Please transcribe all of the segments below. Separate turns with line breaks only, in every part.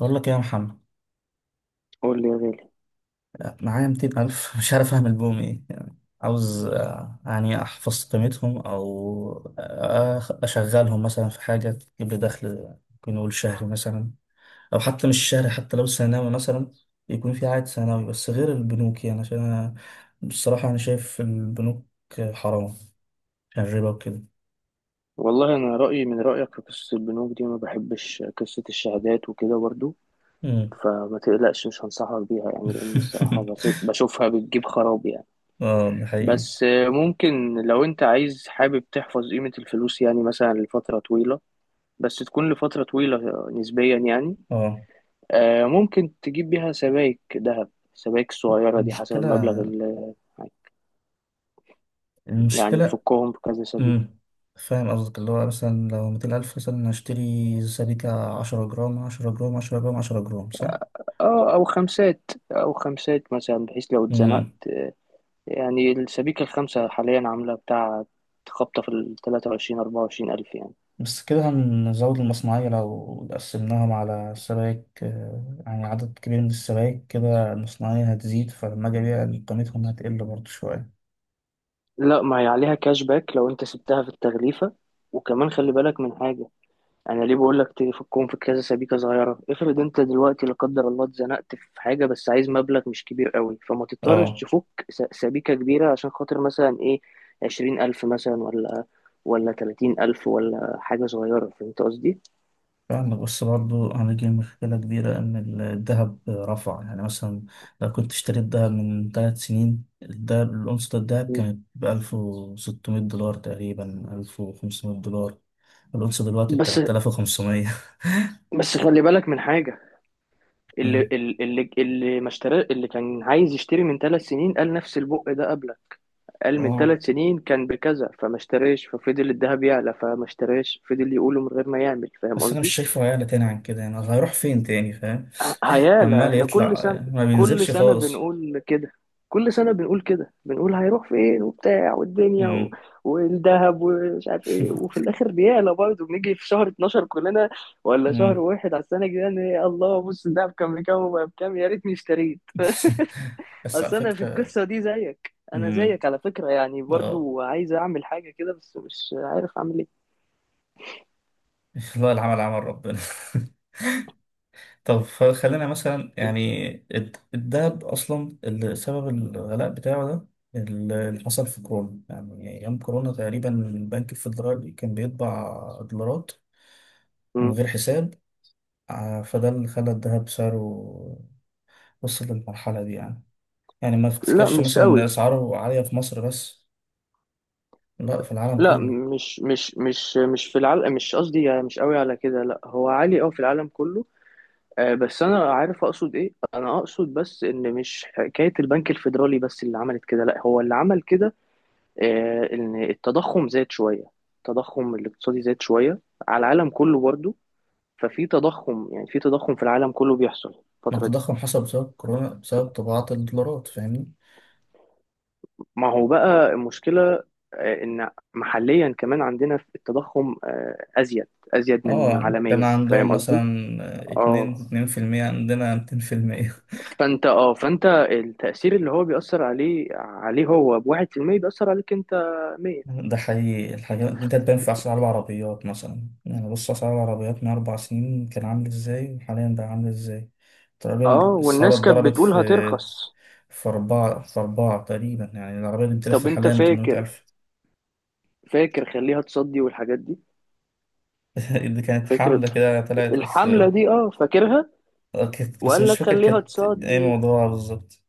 بقول لك إيه يا محمد،
قول لي يا غالي.
معايا 200 ألف مش عارف أعمل بهم إيه. يعني عاوز يعني أحفظ قيمتهم، أو أشغلهم مثلا في حاجة تجيب لي دخل. ممكن نقول شهري مثلا، أو حتى مش شهري، حتى لو سنوي مثلا يكون في عائد سنوي، بس غير البنوك. يعني عشان أنا بصراحة أنا شايف البنوك حرام، عشان الربا وكده.
والله انا رايي من رايك في قصه البنوك دي، ما بحبش قصه الشهادات وكده برضو.
مم.
فما تقلقش، مش هنصحك بيها يعني. لان الصراحه بشوفها بتجيب خراب يعني.
اه ده حقيقي.
بس ممكن لو انت عايز حابب تحفظ قيمه الفلوس يعني مثلا لفتره طويله، بس تكون لفتره طويله نسبيا يعني.
اه.
ممكن تجيب بيها سبائك ذهب. السبائك الصغيره دي حسب
المشكلة
المبلغ اللي يعني
المشكلة
تفكهم في كذا سبيك.
امم فاهم قصدك، اللي هو مثلا لو 200 ألف مثلا هشتري سبيكة 10 جرام، 10 جرام، 10 جرام، عشرة جرام، صح؟
اه، او خمسات مثلا بحيث لو اتزنقت.
امم
يعني الشبيكة الخامسة حاليا عاملة بتاع خبطة في ال 23 24 ألف يعني.
بس كده هنزود المصنعية، لو قسمناهم على سبائك، يعني عدد كبير من السبائك كده المصنعية هتزيد، فلما أجي أبيع قيمتهم هتقل برضه شوية.
لا، ما هي عليها كاش باك لو أنت سبتها في التغليفة. وكمان خلي بالك من حاجة. أنا ليه بقول لك تفكهم في كذا سبيكة صغيرة؟ افرض أنت دلوقتي لا قدر الله اتزنقت في حاجة، بس عايز مبلغ مش كبير قوي، فما تضطرش
اه
تفك سبيكة كبيرة عشان خاطر مثلا إيه، 20 ألف مثلا ولا 30 ألف ولا حاجة صغيرة. فهمت قصدي؟
فعلا. بص برضو هنيجي لمشكلة كبيرة، إن الذهب رفع. يعني مثلا لو كنت اشتريت دهب من 3 سنين، الدهب الأونصة الدهب كانت بألف وستمية دولار تقريبا، 1500 دولار. الأونصة دلوقتي
بس
ب3500.
بس خلي بالك من حاجة. اللي
مم.
اللي اللي ما اشترى، اللي كان عايز يشتري من 3 سنين، قال نفس البق ده قبلك. قال من
اه،
3 سنين كان بكذا فما اشتريش، ففضل الذهب يعلى فما اشتريش، فضل يقوله من غير ما يعمل. فاهم
بس أنا مش
قصدي؟
شايفه هيعلى تاني عن كده، يعني هيروح فين تاني فاهم؟
هيعلى.
عمال
احنا كل
يطلع،
سنة
ما
كل
بينزلش
سنة
خالص.
بنقول كده كل سنة بنقول كده، بنقول هيروح فين وبتاع والدنيا
مم.
والذهب ومش عارف ايه، وفي الاخر بيعلى برضه. بنيجي في شهر 12 كلنا، ولا شهر
مم.
واحد على السنة الجاية، إن الله، بص الذهب كان بكام وبقى بكام، يا ريتني اشتريت.
بس على
اصل انا في
فكرة.
القصه دي زيك، انا
مم.
زيك على فكره يعني،
اه.
برضو عايز اعمل حاجه كده بس مش عارف اعمل ايه.
والله العمل عمل ربنا. طب، خلينا مثلا يعني الدهب اصلا اللي سبب الغلاء بتاعه ده اللي حصل في كورونا. يعني ايام كورونا تقريبا البنك الفيدرالي كان بيطبع دولارات من
مم.
غير حساب. فده اللي خلى الدهب سعره وصل للمرحلة دي. يعني ما
لا
تفتكرش
مش
مثلا ان
قوي.
اسعاره عالية في مصر بس، لا، في العالم
لا،
كله.
مش في العالم، مش قصدي يعني مش قوي على كده، لا هو عالي قوي في العالم كله. بس انا عارف اقصد ايه. انا اقصد بس ان مش حكايه البنك الفيدرالي بس اللي عملت كده، لا هو اللي عمل كده ان التضخم زاد شويه. التضخم الاقتصادي زاد شويه على العالم كله برضو. ففي تضخم، يعني في تضخم في العالم كله بيحصل
ما هو
الفتره دي.
التضخم حصل بسبب كورونا، بسبب طباعة الدولارات، فاهمني؟
ما هو بقى المشكلة إن محليا كمان عندنا في التضخم أزيد من
اه، كان
عالميا.
عندهم
فاهم قصدي؟
مثلا اتنين
اه.
اتنين في المية، عندنا 200%.
فأنت التأثير اللي هو بيأثر عليه هو بواحد في المية، بيأثر عليك أنت 100.
ده حقيقي، الحاجات دي تبان في أسعار العربيات مثلا. يعني بص، أسعار العربيات من 4 سنين كان عامل إزاي، وحاليا بقى عامل إزاي. تقريبا
اه،
الأسعار
والناس كانت
اتضربت
بتقول
في
هترخص.
في أربعة في أربعة تقريبا، يعني العربية دي بتلف
طب أنت
حاليا بتمنمية
فاكر
ألف
فاكر خليها تصدي والحاجات دي.
اللي كانت
فاكر
حاملة كده طلعت بس
الحملة دي؟ اه فاكرها.
كانت- بس
وقال
مش
لك
فاكر
خليها
كانت إيه
تصدي،
موضوعها بالظبط.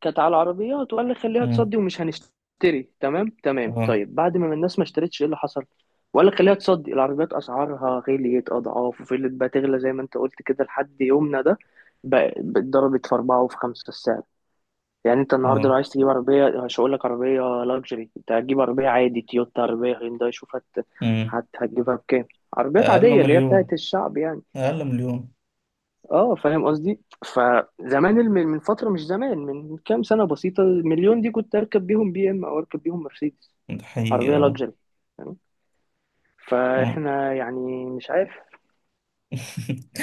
كانت على العربيات وقال لي خليها
أمم،
تصدي ومش هنشتري. تمام، تمام.
أه.
طيب بعد ما الناس ما اشترتش، ايه اللي حصل؟ وقال لك خليها تصدي، العربيات اسعارها غليت اضعاف وفضلت بقى تغلى زي ما انت قلت كده لحد يومنا ده. اتضربت في اربعه وفي خمسه السعر. يعني انت النهارده لو
أه.
عايز تجيب عربيه، مش هقول لك عربيه لاكجري، انت هتجيب عربيه عادي، تويوتا، عربيه هيونداي، شوف هت...
أمم.
هت... هتجيبها بكام. عربيات
أقل
عاديه اللي هي
مليون،
بتاعت الشعب يعني.
أقل مليون.
اه، فاهم قصدي. فزمان من فتره، مش زمان، من كام سنه بسيطه، المليون دي كنت اركب بيهم بي ام او، اركب بيهم مرسيدس،
ده حقيقي،
عربيه
أه.
لاكجري. تمام.
آه.
فاحنا يعني مش عارف.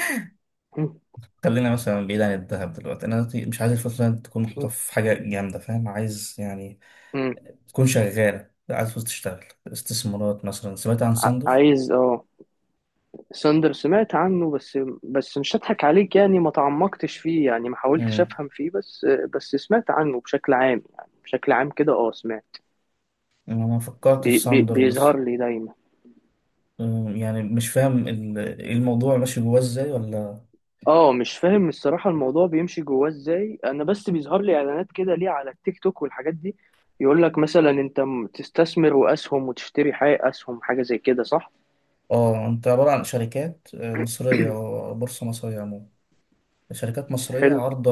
م-
خلينا مثلا بعيد عن الذهب دلوقتي. انا دلوقتي مش عايز الفلوس دي تكون محطوطه
م-
في حاجه جامده فاهم، عايز يعني
م.
تكون شغاله. لا، عايز فلوس تشتغل استثمارات مثلا. سمعت عن ساندر؟
عايز اه. ساندر سمعت عنه، بس بس مش هضحك عليك يعني، ما تعمقتش فيه يعني، ما حاولتش
امم
افهم فيه. بس بس سمعت عنه بشكل عام، يعني بشكل عام كده، اه سمعت.
انا فكرت
بي
في
بي
ساندر
بيظهر
بس.
لي دايما.
يعني مش فاهم الموضوع ماشي جواه ازاي ولا.
اه مش فاهم الصراحة الموضوع بيمشي جواه ازاي، انا بس بيظهر لي اعلانات كده ليه على التيك توك والحاجات دي. يقول لك مثلا انت تستثمر واسهم وتشتري حاجة اسهم حاجة زي كده، صح؟
اه، انت عباره عن شركات، مصريه، أو بورصه مصريه عموما، شركات مصرية
حلو.
عارضة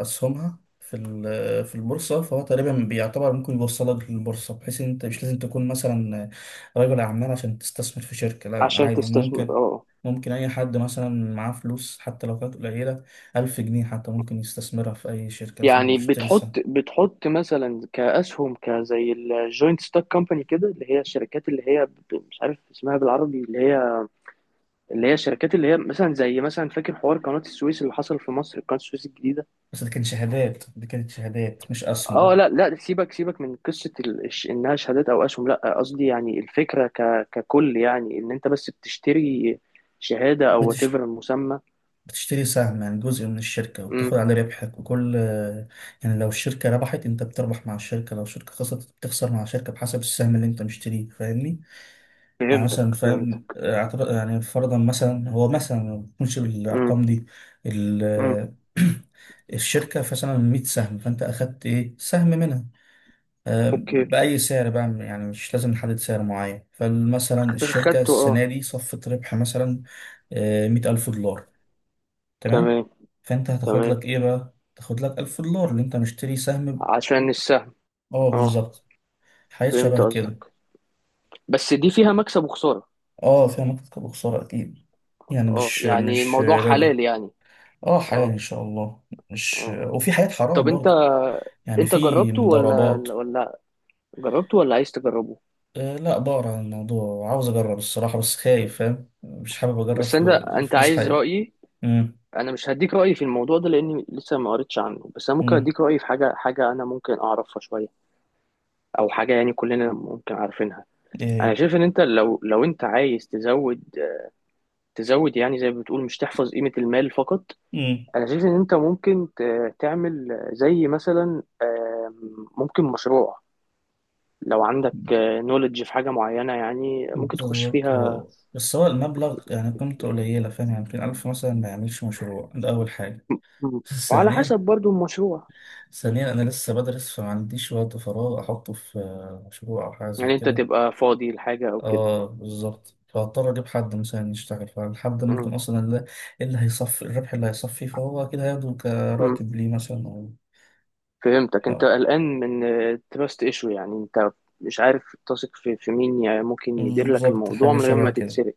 أسهمها في في البورصة. فهو تقريبا بيعتبر ممكن يوصلك للبورصة، بحيث إن أنت مش لازم تكون مثلا رجل أعمال عشان تستثمر في شركة. لا،
عشان
عادي،
تستثمر
ممكن.
اه.
ممكن أي حد مثلا معاه فلوس حتى لو كانت قليلة، 1000 جنيه حتى ممكن يستثمرها في أي شركة، مثلا
يعني
يشتري سهم.
بتحط مثلا كاسهم، كزي الجوينت ستوك كومباني كده، اللي هي الشركات اللي هي مش عارف اسمها بالعربي، اللي هي اللي هي الشركات اللي هي مثلا، زي مثلا، فاكر حوار قناة السويس اللي حصل في مصر، قناة السويس الجديدة.
بس دي كانت شهادات، دي كانت شهادات مش
اه،
أسهم.
لا لا، سيبك سيبك من قصه انها شهادات او اسهم، لا قصدي يعني الفكره ككل، يعني ان انت بس بتشتري شهاده او وات
بتش...
ايفر المسمى.
بتشتري سهم، يعني جزء من الشركة وبتاخد
امم.
عليه ربحك وكل. يعني لو الشركة ربحت انت بتربح مع الشركة، لو الشركة خسرت بتخسر مع الشركة بحسب السهم اللي انت مشتريه، فاهمني؟ يعني
فهمتك
مثلا فاهم،
فهمتك.
اعتبر يعني فرضا مثلا، هو مثلا ما بتكونش
امم.
بالأرقام دي
امم.
ال الشركة مثلا 100 سهم، فانت اخدت ايه سهم منها،
اوكي.
بأي سعر بقى، يعني مش لازم نحدد سعر معين. فمثلا الشركة
خدته اه.
السنة دي صفت ربح مثلا 100 ألف دولار، تمام.
تمام.
فانت هتاخد
تمام،
لك ايه بقى، تاخد لك 1000 دولار اللي انت مشتري سهم
عشان السهم.
اه
اه.
بالظبط، حاجات
فهمت
شبه كده.
قصدك. بس دي فيها مكسب وخساره.
اه فيها مكسب وخسارة اكيد، يعني
اه
مش
يعني
مش
الموضوع
ربا.
حلال يعني.
اه، حلال
اه.
ان شاء الله.
اه
مش،
آه.
وفي حاجات
طب
حرام
انت،
برضه، يعني
انت
في
جربته ولا؟
مضاربات.
جربته ولا عايز تجربه؟
آه لا، بقرا عن الموضوع وعاوز اجرب الصراحة، بس خايف فاهم، مش حابب اجرب
بس انت
في فلوس
عايز
حاجة.
رأيي؟
امم
انا مش هديك رايي في الموضوع ده لاني لسه ما قريتش عنه. بس انا ممكن
امم
اديك رايي في حاجه، حاجه انا ممكن اعرفها شويه، او حاجه يعني كلنا ممكن عارفينها. انا
ايه.
شايف ان انت لو انت عايز تزود، تزود يعني زي ما بتقول، مش تحفظ قيمه المال فقط.
امم
انا شايف ان انت ممكن تعمل زي مثلا ممكن مشروع، لو عندك نولج في حاجه معينه يعني ممكن تخش
بالظبط.
فيها.
هو بس هو المبلغ يعني قيمته قليلة فاهم، يعني يمكن 1000 مثلا، ما يعملش مشروع، ده أول حاجة.
مم. وعلى حسب
ثانيا،
برضو المشروع.
ثانيا أنا لسه بدرس فما عنديش وقت فراغ أحطه في مشروع أو حاجة زي
يعني انت
كده.
تبقى فاضي لحاجه او كده.
اه بالظبط، فهضطر أجيب حد مثلا يشتغل، فالحد
مم.
ممكن أصلا اللي هيصفي الربح اللي هيصفي، فهو أكيد هياخده
مم.
كراتب ليه مثلا، أو
فهمتك. انت
ف-
قلقان من تراست ايشو، يعني انت مش عارف تثق في مين يعني، ممكن يدير لك
بالظبط،
الموضوع
حاجة
من غير ما
شبه كده.
تتسرق.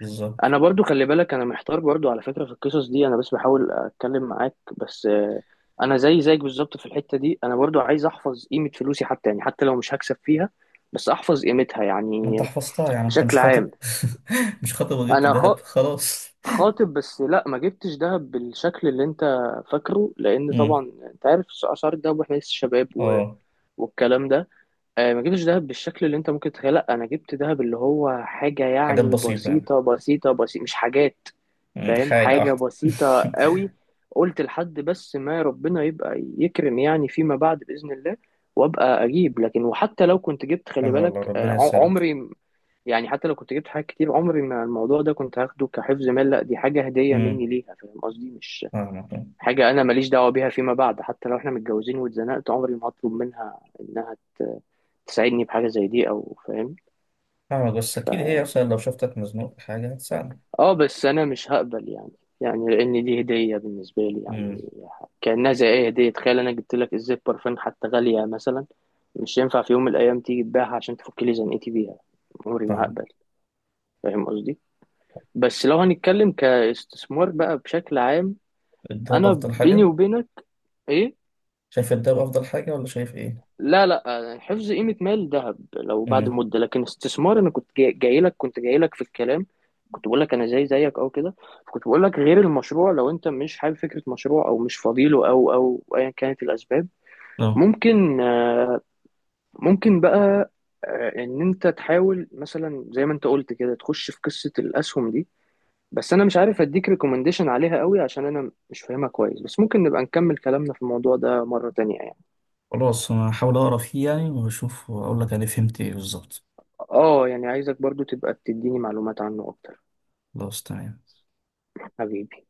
بالظبط.
انا برضو خلي بالك، انا محتار برضو على فكرة في القصص دي، انا بس بحاول اتكلم معاك بس. انا زي زيك بالظبط في الحتة دي، انا برضو عايز احفظ قيمة فلوسي حتى يعني، حتى لو مش هكسب فيها، بس احفظ قيمتها
ما أنت
يعني،
حفظتها، يعني أنت
بشكل
مش خاطب.
عام.
مش خاطب وجبت
انا
دهب، خلاص.
خاطب، بس لا، ما جبتش دهب بالشكل اللي انت فاكره لان
مم.
طبعا انت عارف اسعار الدهب، واحنا لسه شباب
اه،
والكلام ده. ما جبتش دهب بالشكل اللي انت ممكن تتخيله. لا انا جبت دهب اللي هو حاجه
حاجات
يعني
بسيطة يعني.
بسيطه بسيطه بسيطه، مش حاجات.
مم.
فاهم،
حاجة
حاجه
واحدة.
بسيطه قوي. قلت لحد بس ما ربنا يبقى يكرم يعني فيما بعد باذن الله، وابقى اجيب. لكن وحتى لو كنت جبت، خلي
حلو، والله
بالك
ربنا يسعدك.
عمري يعني، حتى لو كنت جبت حاجات كتير، عمري ما الموضوع ده كنت هاخده كحفظ مال، لا دي حاجه هديه
امم
مني ليها. فاهم قصدي؟ مش
فاهمك.
حاجه انا ماليش دعوه بيها فيما بعد. حتى لو احنا متجوزين واتزنقت، عمري ما هطلب منها انها تساعدني بحاجة زي دي أو، فاهم؟
فاهمك، بس
ف
أكيد هي مثلا لو شفتك مزنوق في حاجة هتساعدك.
اه بس أنا مش هقبل يعني، يعني لأن دي هدية بالنسبة لي يعني،
امم
كأنها زي أي هدية. تخيل أنا جبت لك إزازة برفان حتى غالية مثلا، مش ينفع في يوم من الأيام تيجي تبيعها عشان تفك لي زنقتي بيها. عمري ما
فاهم.
هقبل. فاهم قصدي؟ بس لو هنتكلم كاستثمار بقى بشكل عام،
الدهب
أنا
أفضل
بيني
حاجة.
وبينك، إيه،
شايف الدهب أفضل حاجة ولا شايف إيه؟
لا لا، حفظ قيمة مال ذهب لو بعد
امم
مدة، لكن استثمار، أنا كنت جاي جاي لك كنت جاي لك في الكلام، كنت بقول لك أنا زي زيك أو كده، كنت بقول لك غير المشروع، لو أنت مش حابب فكرة مشروع أو مش فاضيله أو أيا كانت الأسباب،
لا.
ممكن، ممكن بقى إن أنت تحاول مثلا زي ما أنت قلت كده تخش في قصة الأسهم دي. بس أنا مش عارف أديك ريكومنديشن عليها قوي عشان أنا مش فاهمها كويس، بس ممكن نبقى نكمل كلامنا في الموضوع ده مرة تانية يعني.
خلاص أنا هحاول أقرأ فيه يعني وأشوف وأقول لك أنا فهمت إيه بالظبط.
آه يعني عايزك برضو تبقى تديني معلومات عنه أكتر.
خلاص، تمام.
حبيبي.